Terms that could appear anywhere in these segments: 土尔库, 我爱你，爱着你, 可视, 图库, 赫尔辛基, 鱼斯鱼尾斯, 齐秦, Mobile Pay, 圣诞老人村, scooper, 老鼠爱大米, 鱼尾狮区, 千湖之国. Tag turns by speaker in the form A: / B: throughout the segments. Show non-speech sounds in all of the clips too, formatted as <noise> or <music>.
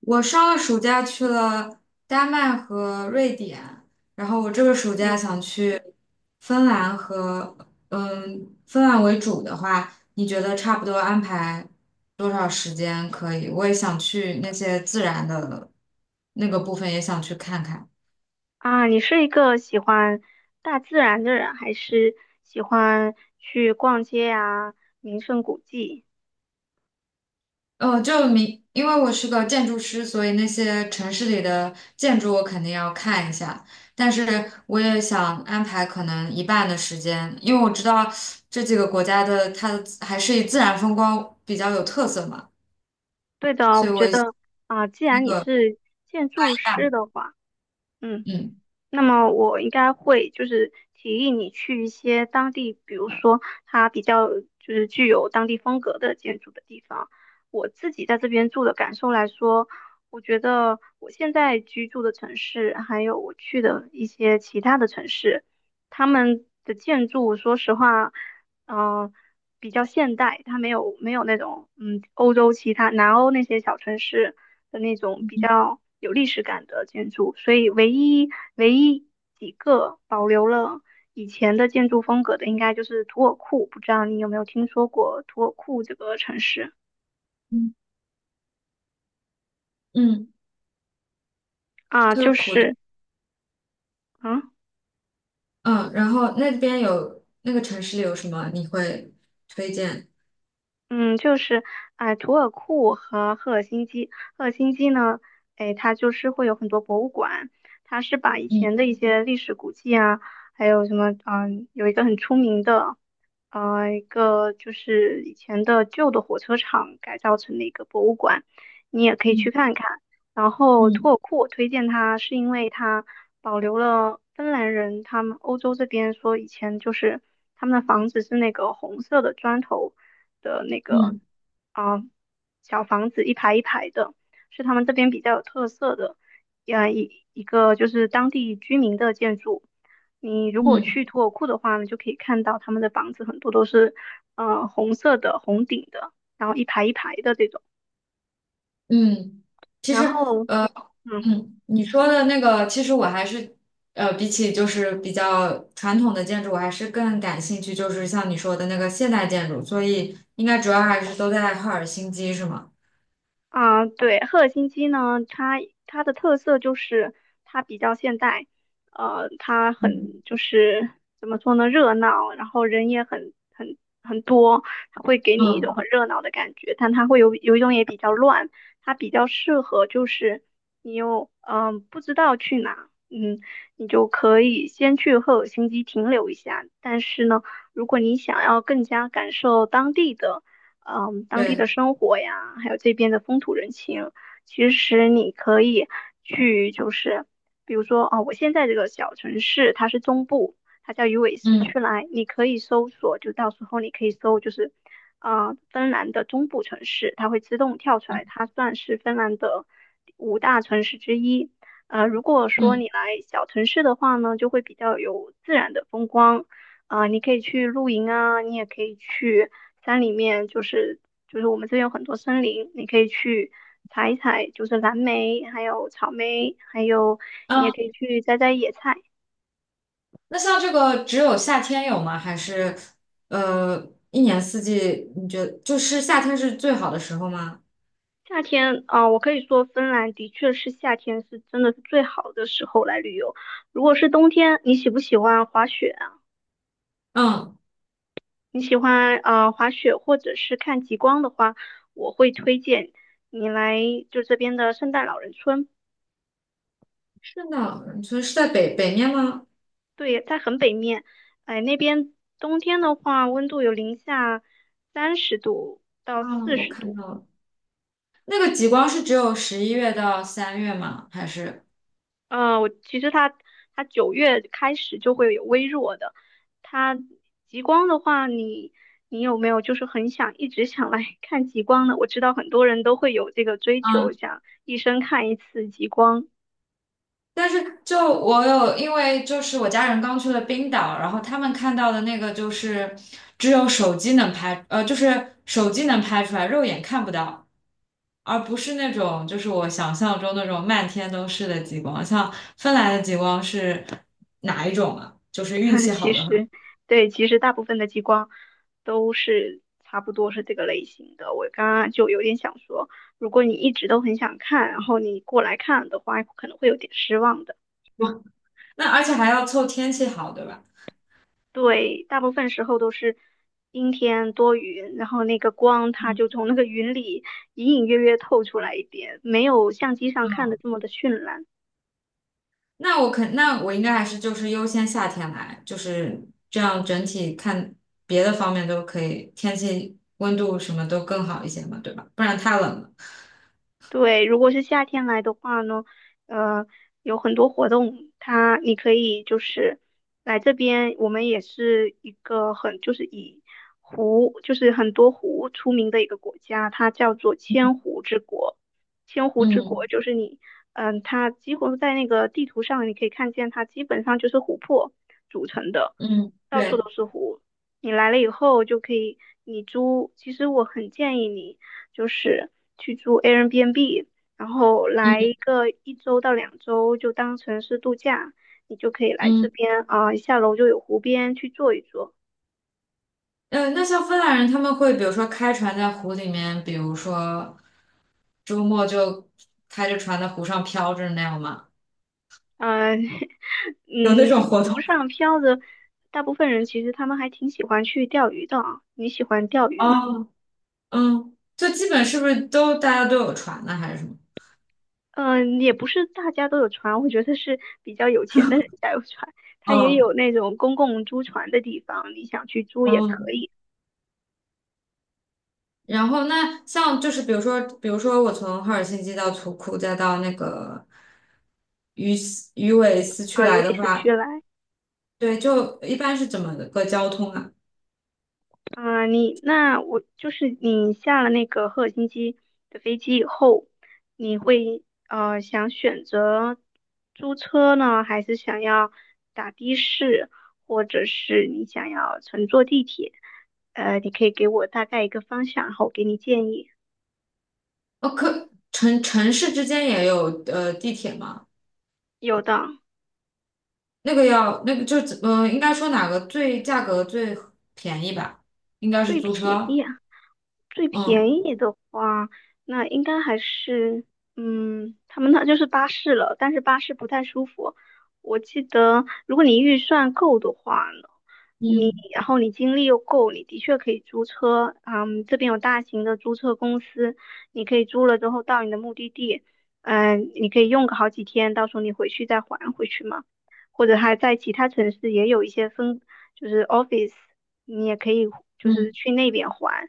A: 我上个暑假去了丹麦和瑞典，然后我这个暑假想去芬兰和芬兰为主的话，你觉得差不多安排多少时间可以？我也想去那些自然的那个部分，也想去看看。
B: 啊，你是一个喜欢大自然的人，还是喜欢去逛街啊，名胜古迹？
A: 因为我是个建筑师，所以那些城市里的建筑我肯定要看一下。但是我也想安排可能一半的时间，因为我知道这几个国家的它的还是以自然风光比较有特色嘛，
B: 对的哦，
A: 所以
B: 我
A: 我
B: 觉得啊，既
A: 那
B: 然你
A: 个
B: 是建筑
A: 一
B: 师
A: 半，
B: 的话，嗯。
A: 嗯
B: 那么我应该会就是提议你去一些当地，比如说它比较就是具有当地风格的建筑的地方。我自己在这边住的感受来说，我觉得我现在居住的城市，还有我去的一些其他的城市，他们的建筑，说实话，嗯、比较现代，它没有那种欧洲其他南欧那些小城市的那种比较有历史感的建筑，所以唯一几个保留了以前的建筑风格的，应该就是土尔库。不知道你有没有听说过土尔库这个城市
A: 嗯嗯，
B: 啊？
A: 特
B: 就
A: 库的，
B: 是。嗯
A: 嗯，然后那边有那个城市里有什么你会推荐？
B: 嗯，就是图尔库和赫尔辛基。赫尔辛基呢，哎，它就是会有很多博物馆，它是把以
A: 嗯
B: 前的一些历史古迹啊，还有什么，有一个很出名的，一个就是以前的旧的火车厂改造成的一个博物馆，你也可以去
A: 嗯
B: 看看。然后图
A: 嗯
B: 尔库我推荐它，是因为它保留了芬兰人他们欧洲这边说以前就是他们的房子是那个红色的砖头的那个，
A: 嗯
B: 啊、小房子一排一排的，是他们这边比较有特色的，一个就是当地居民的建筑。你如果
A: 嗯
B: 去图尔库的话呢，就可以看到他们的房子很多都是红色的红顶的，然后一排一排的这种，
A: 嗯，其
B: 然
A: 实。
B: 后。嗯。
A: 嗯，你说的那个，其实我还是，比起就是比较传统的建筑，我还是更感兴趣，就是像你说的那个现代建筑，所以应该主要还是都在赫尔辛基，是吗？
B: 啊，对，赫尔辛基呢，它的特色就是它比较现代，它
A: 嗯。
B: 很就是怎么说呢，热闹，然后人也很多，它会给你一种
A: 嗯，
B: 很热闹的感觉，但它会有一种也比较乱，它比较适合就是你又不知道去哪，你就可以先去赫尔辛基停留一下，但是呢，如果你想要更加感受当地的。当地的
A: 对，
B: 生活呀，还有这边的风土人情，其实你可以去，就是比如说，哦，我现在这个小城市它是中部，它叫鱼尾狮
A: 嗯
B: 区来，你可以搜索，就到时候你可以搜，就是芬兰的中部城市，它会自动跳出来，它算是芬兰的五大城市之一。如果说
A: 嗯
B: 你来小城市的话呢，就会比较有自然的风光。你可以去露营啊，你也可以去山里面，就是我们这边有很多森林，你可以去采一采，就是蓝莓，还有草莓，还有你也
A: 嗯，
B: 可以去摘摘野菜。
A: 那像这个只有夏天有吗？还是一年四季？你觉得就是夏天是最好的时候吗？
B: 夏天我可以说芬兰的确是夏天是真的是最好的时候来旅游。如果是冬天，你喜不喜欢滑雪啊？
A: 嗯，
B: 你喜欢滑雪或者是看极光的话，我会推荐你来就这边的圣诞老人村。
A: 是的，你说是在北面吗？
B: 对，在很北面，哎，那边冬天的话，温度有零下三十度到
A: 啊，
B: 四
A: 我
B: 十
A: 看
B: 度。
A: 到了，那个极光是只有11月到3月吗？还是？
B: 我其实它9月开始就会有微弱的。它极光的话，你有没有就是很想一直想来 <laughs> 看极光呢？我知道很多人都会有这个追求，
A: 嗯，
B: 想一生看一次极光。
A: 但是就我有，因为就是我家人刚去了冰岛，然后他们看到的那个就是只有手机能拍，就是手机能拍出来，肉眼看不到，而不是那种就是我想象中那种漫天都是的极光。像芬兰的极光是哪一种啊？就是运气
B: <laughs>
A: 好
B: 其
A: 的话，
B: 实，对，其实大部分的激光都是差不多是这个类型的。我刚刚就有点想说，如果你一直都很想看，然后你过来看的话，可能会有点失望的。
A: 那而且还要凑天气好，对吧？
B: 对，大部分时候都是阴天多云，然后那个光它
A: 嗯，
B: 就从那个云里隐隐约约透出来一点，没有相机上看的
A: 嗯，
B: 这么的绚烂。
A: 那我应该还是就是优先夏天来，就是这样整体看别的方面都可以，天气温度什么都更好一些嘛，对吧？不然太冷了。
B: 对，如果是夏天来的话呢，呃，有很多活动，它你可以就是来这边，我们也是一个很就是以湖就是很多湖出名的一个国家，它叫做千湖之国。千湖之国
A: 嗯
B: 就是你，它几乎在那个地图上你可以看见，它基本上就是湖泊组成的。
A: 嗯对，
B: 你来了以后就可以，你租，其实我很建议你就是去租 Airbnb，然后来一
A: 嗯
B: 个1周到2周，就当成是度假，你就可以来这
A: 嗯
B: 边下楼就有湖边去坐一坐，
A: 那像芬兰人他们会比如说开船在湖里面，比如说周末就开着船在湖上飘着那样吗？
B: 嗯、<laughs>
A: 有那
B: 嗯，
A: 种活
B: 湖
A: 动？
B: 上漂着，大部分人其实他们还挺喜欢去钓鱼的啊，你喜欢钓鱼吗？
A: 哦，就基本是不是都大家都有船呢，还是什么？
B: 嗯，也不是大家都有船，我觉得是比较有钱的人家有船，它也
A: 哦，
B: 有那种公共租船的地方，你想去租也
A: 哦，
B: 可以
A: 然后那像就是比如说我从赫尔辛基到图库再到那个鱼尾斯去
B: 啊，
A: 来
B: 有也
A: 的
B: 是去
A: 话，
B: 来。
A: 对，就一般是怎么个交通啊？
B: 啊，你那我就是你下了那个赫尔辛基的飞机以后，你会想选择租车呢，还是想要打的士，或者是你想要乘坐地铁？你可以给我大概一个方向，然后我给你建议。
A: 哦，可城市之间也有地铁吗？
B: 有的，
A: 那个要那个应该说哪个最价格最便宜吧？应该是
B: 最
A: 租
B: 便
A: 车。
B: 宜。啊。最便
A: 嗯
B: 宜的话，那应该还是，他们那就是巴士了，但是巴士不太舒服。我记得，如果你预算够的话呢，
A: 嗯
B: 然后你精力又够，你的确可以租车。嗯，这边有大型的租车公司，你可以租了之后到你的目的地，嗯，你可以用个好几天，到时候你回去再还回去嘛。或者还在其他城市也有一些分，就是 office，你也可以就是
A: 嗯，
B: 去那边还。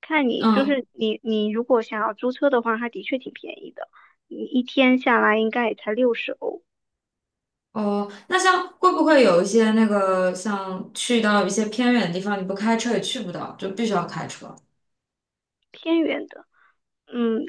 B: 看你就
A: 嗯
B: 是你如果想要租车的话，它的确挺便宜的，你一天下来应该也才60欧，
A: 哦，那像会不会有一些那个像去到一些偏远的地方，你不开车也去不到，就必须要开车？
B: 偏远的。嗯，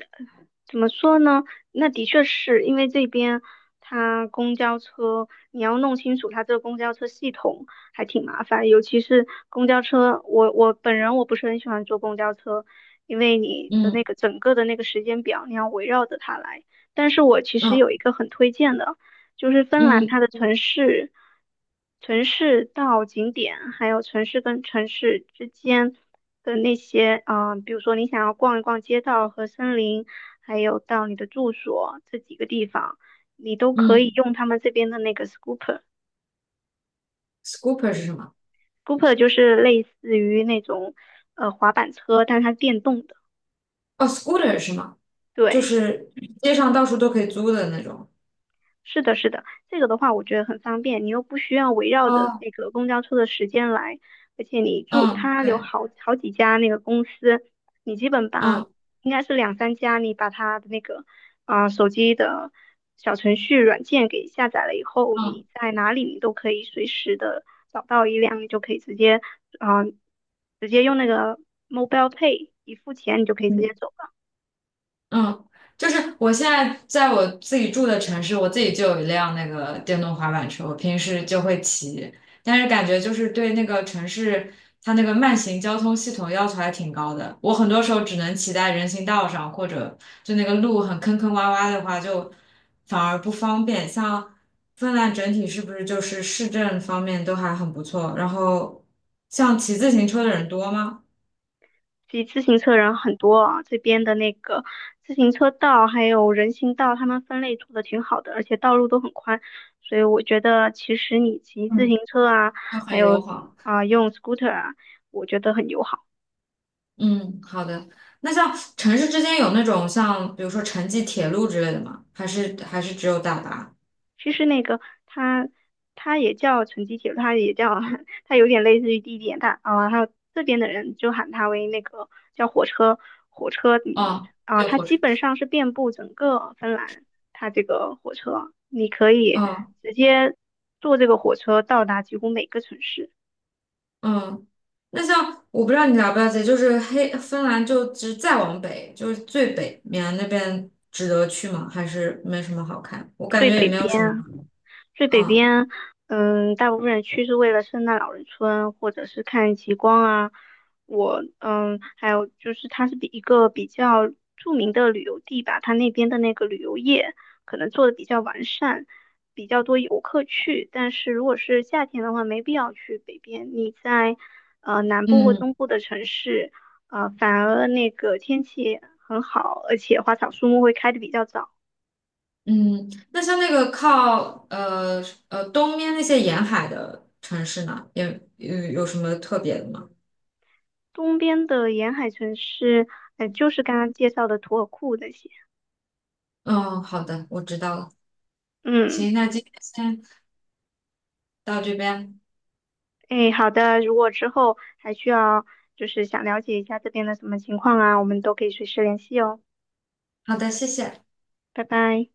B: 怎么说呢？那的确是因为这边它公交车，你要弄清楚它这个公交车系统还挺麻烦，尤其是公交车，我本人我不是很喜欢坐公交车，因为你的那
A: 嗯
B: 个整个的那个时间表，你要围绕着它来。但是我其实
A: 嗯
B: 有一个很推荐的，就是芬兰
A: 嗯
B: 它的城市，城市到景点，还有城市跟城市之间的那些，啊，比如说你想要逛一逛街道和森林，还有到你的住所这几个地方，你都可以
A: 嗯
B: 用他们这边的那个 scooper。
A: ，scooper 是什么？
B: scooper 就是类似于那种滑板车，但是它是电动的。
A: 哦，scooter 是吗？就
B: 对。
A: 是街上到处都可以租的那种。
B: 是的，是的，这个的话我觉得很方便，你又不需要围绕着
A: 哦，
B: 那个公交车的时间来，而且你住
A: 嗯，
B: 它有
A: 对，
B: 好几家那个公司，你基本把
A: 嗯
B: 应该是两三家，你把它的那个手机的小程序软件给下载了以后，
A: 嗯
B: 你在哪里你都可以随时的找到一辆，你就可以啊、呃直接用那个 Mobile Pay 一付钱，你就可以直接
A: 嗯
B: 走。
A: 嗯，就是我现在在我自己住的城市，我自己就有一辆那个电动滑板车，我平时就会骑，但是感觉就是对那个城市它那个慢行交通系统要求还挺高的，我很多时候只能骑在人行道上，或者就那个路很坑坑洼洼的话，就反而不方便。像芬兰整体是不是就是市政方面都还很不错？然后像骑自行车的人多吗？
B: 骑自行车人很多啊，这边的那个自行车道还有人行道，他们分类做的挺好的，而且道路都很宽，所以我觉得其实你骑自行
A: 嗯。
B: 车啊，
A: 就
B: 还
A: 很友
B: 有
A: 好。
B: 用 scooter 啊，我觉得很友好。
A: 嗯，好的。那像城市之间有那种像比如说城际铁路之类的吗？还是只有大巴？
B: 其实那个它也叫城际铁路，它也叫 <laughs> 它有点类似于地铁，但还有这边的人就喊它为那个叫火车迷
A: 哦，对，
B: 它
A: 火车。
B: 基本上是遍布整个芬兰，它这个火车你可以
A: 嗯
B: 直接坐这个火车到达几乎每个城市。
A: 嗯。那像我不知道你了不了解，就是黑芬兰就只再往北，就是最北面那边值得去吗？还是没什么好看？我感
B: 最
A: 觉也
B: 北
A: 没有什
B: 边
A: 么。
B: 啊最北
A: 嗯
B: 边，大部分人去是为了圣诞老人村或者是看极光啊。还有就是它是一个比较著名的旅游地吧，它那边的那个旅游业可能做的比较完善，比较多游客去。但是如果是夏天的话，没必要去北边。你在南部或
A: 嗯
B: 东部的城市，反而那个天气很好，而且花草树木会开的比较早。
A: 嗯。那像那个靠东面那些沿海的城市呢，也有什么特别的吗？
B: 东边的沿海城市，就是刚刚介绍的图尔库那些。
A: 嗯，好的，我知道了。
B: 嗯，
A: 行，那今天先到这边。
B: 哎，好的，如果之后还需要就是想了解一下这边的什么情况啊，我们都可以随时联系哦。
A: 好的，谢谢。
B: 拜拜。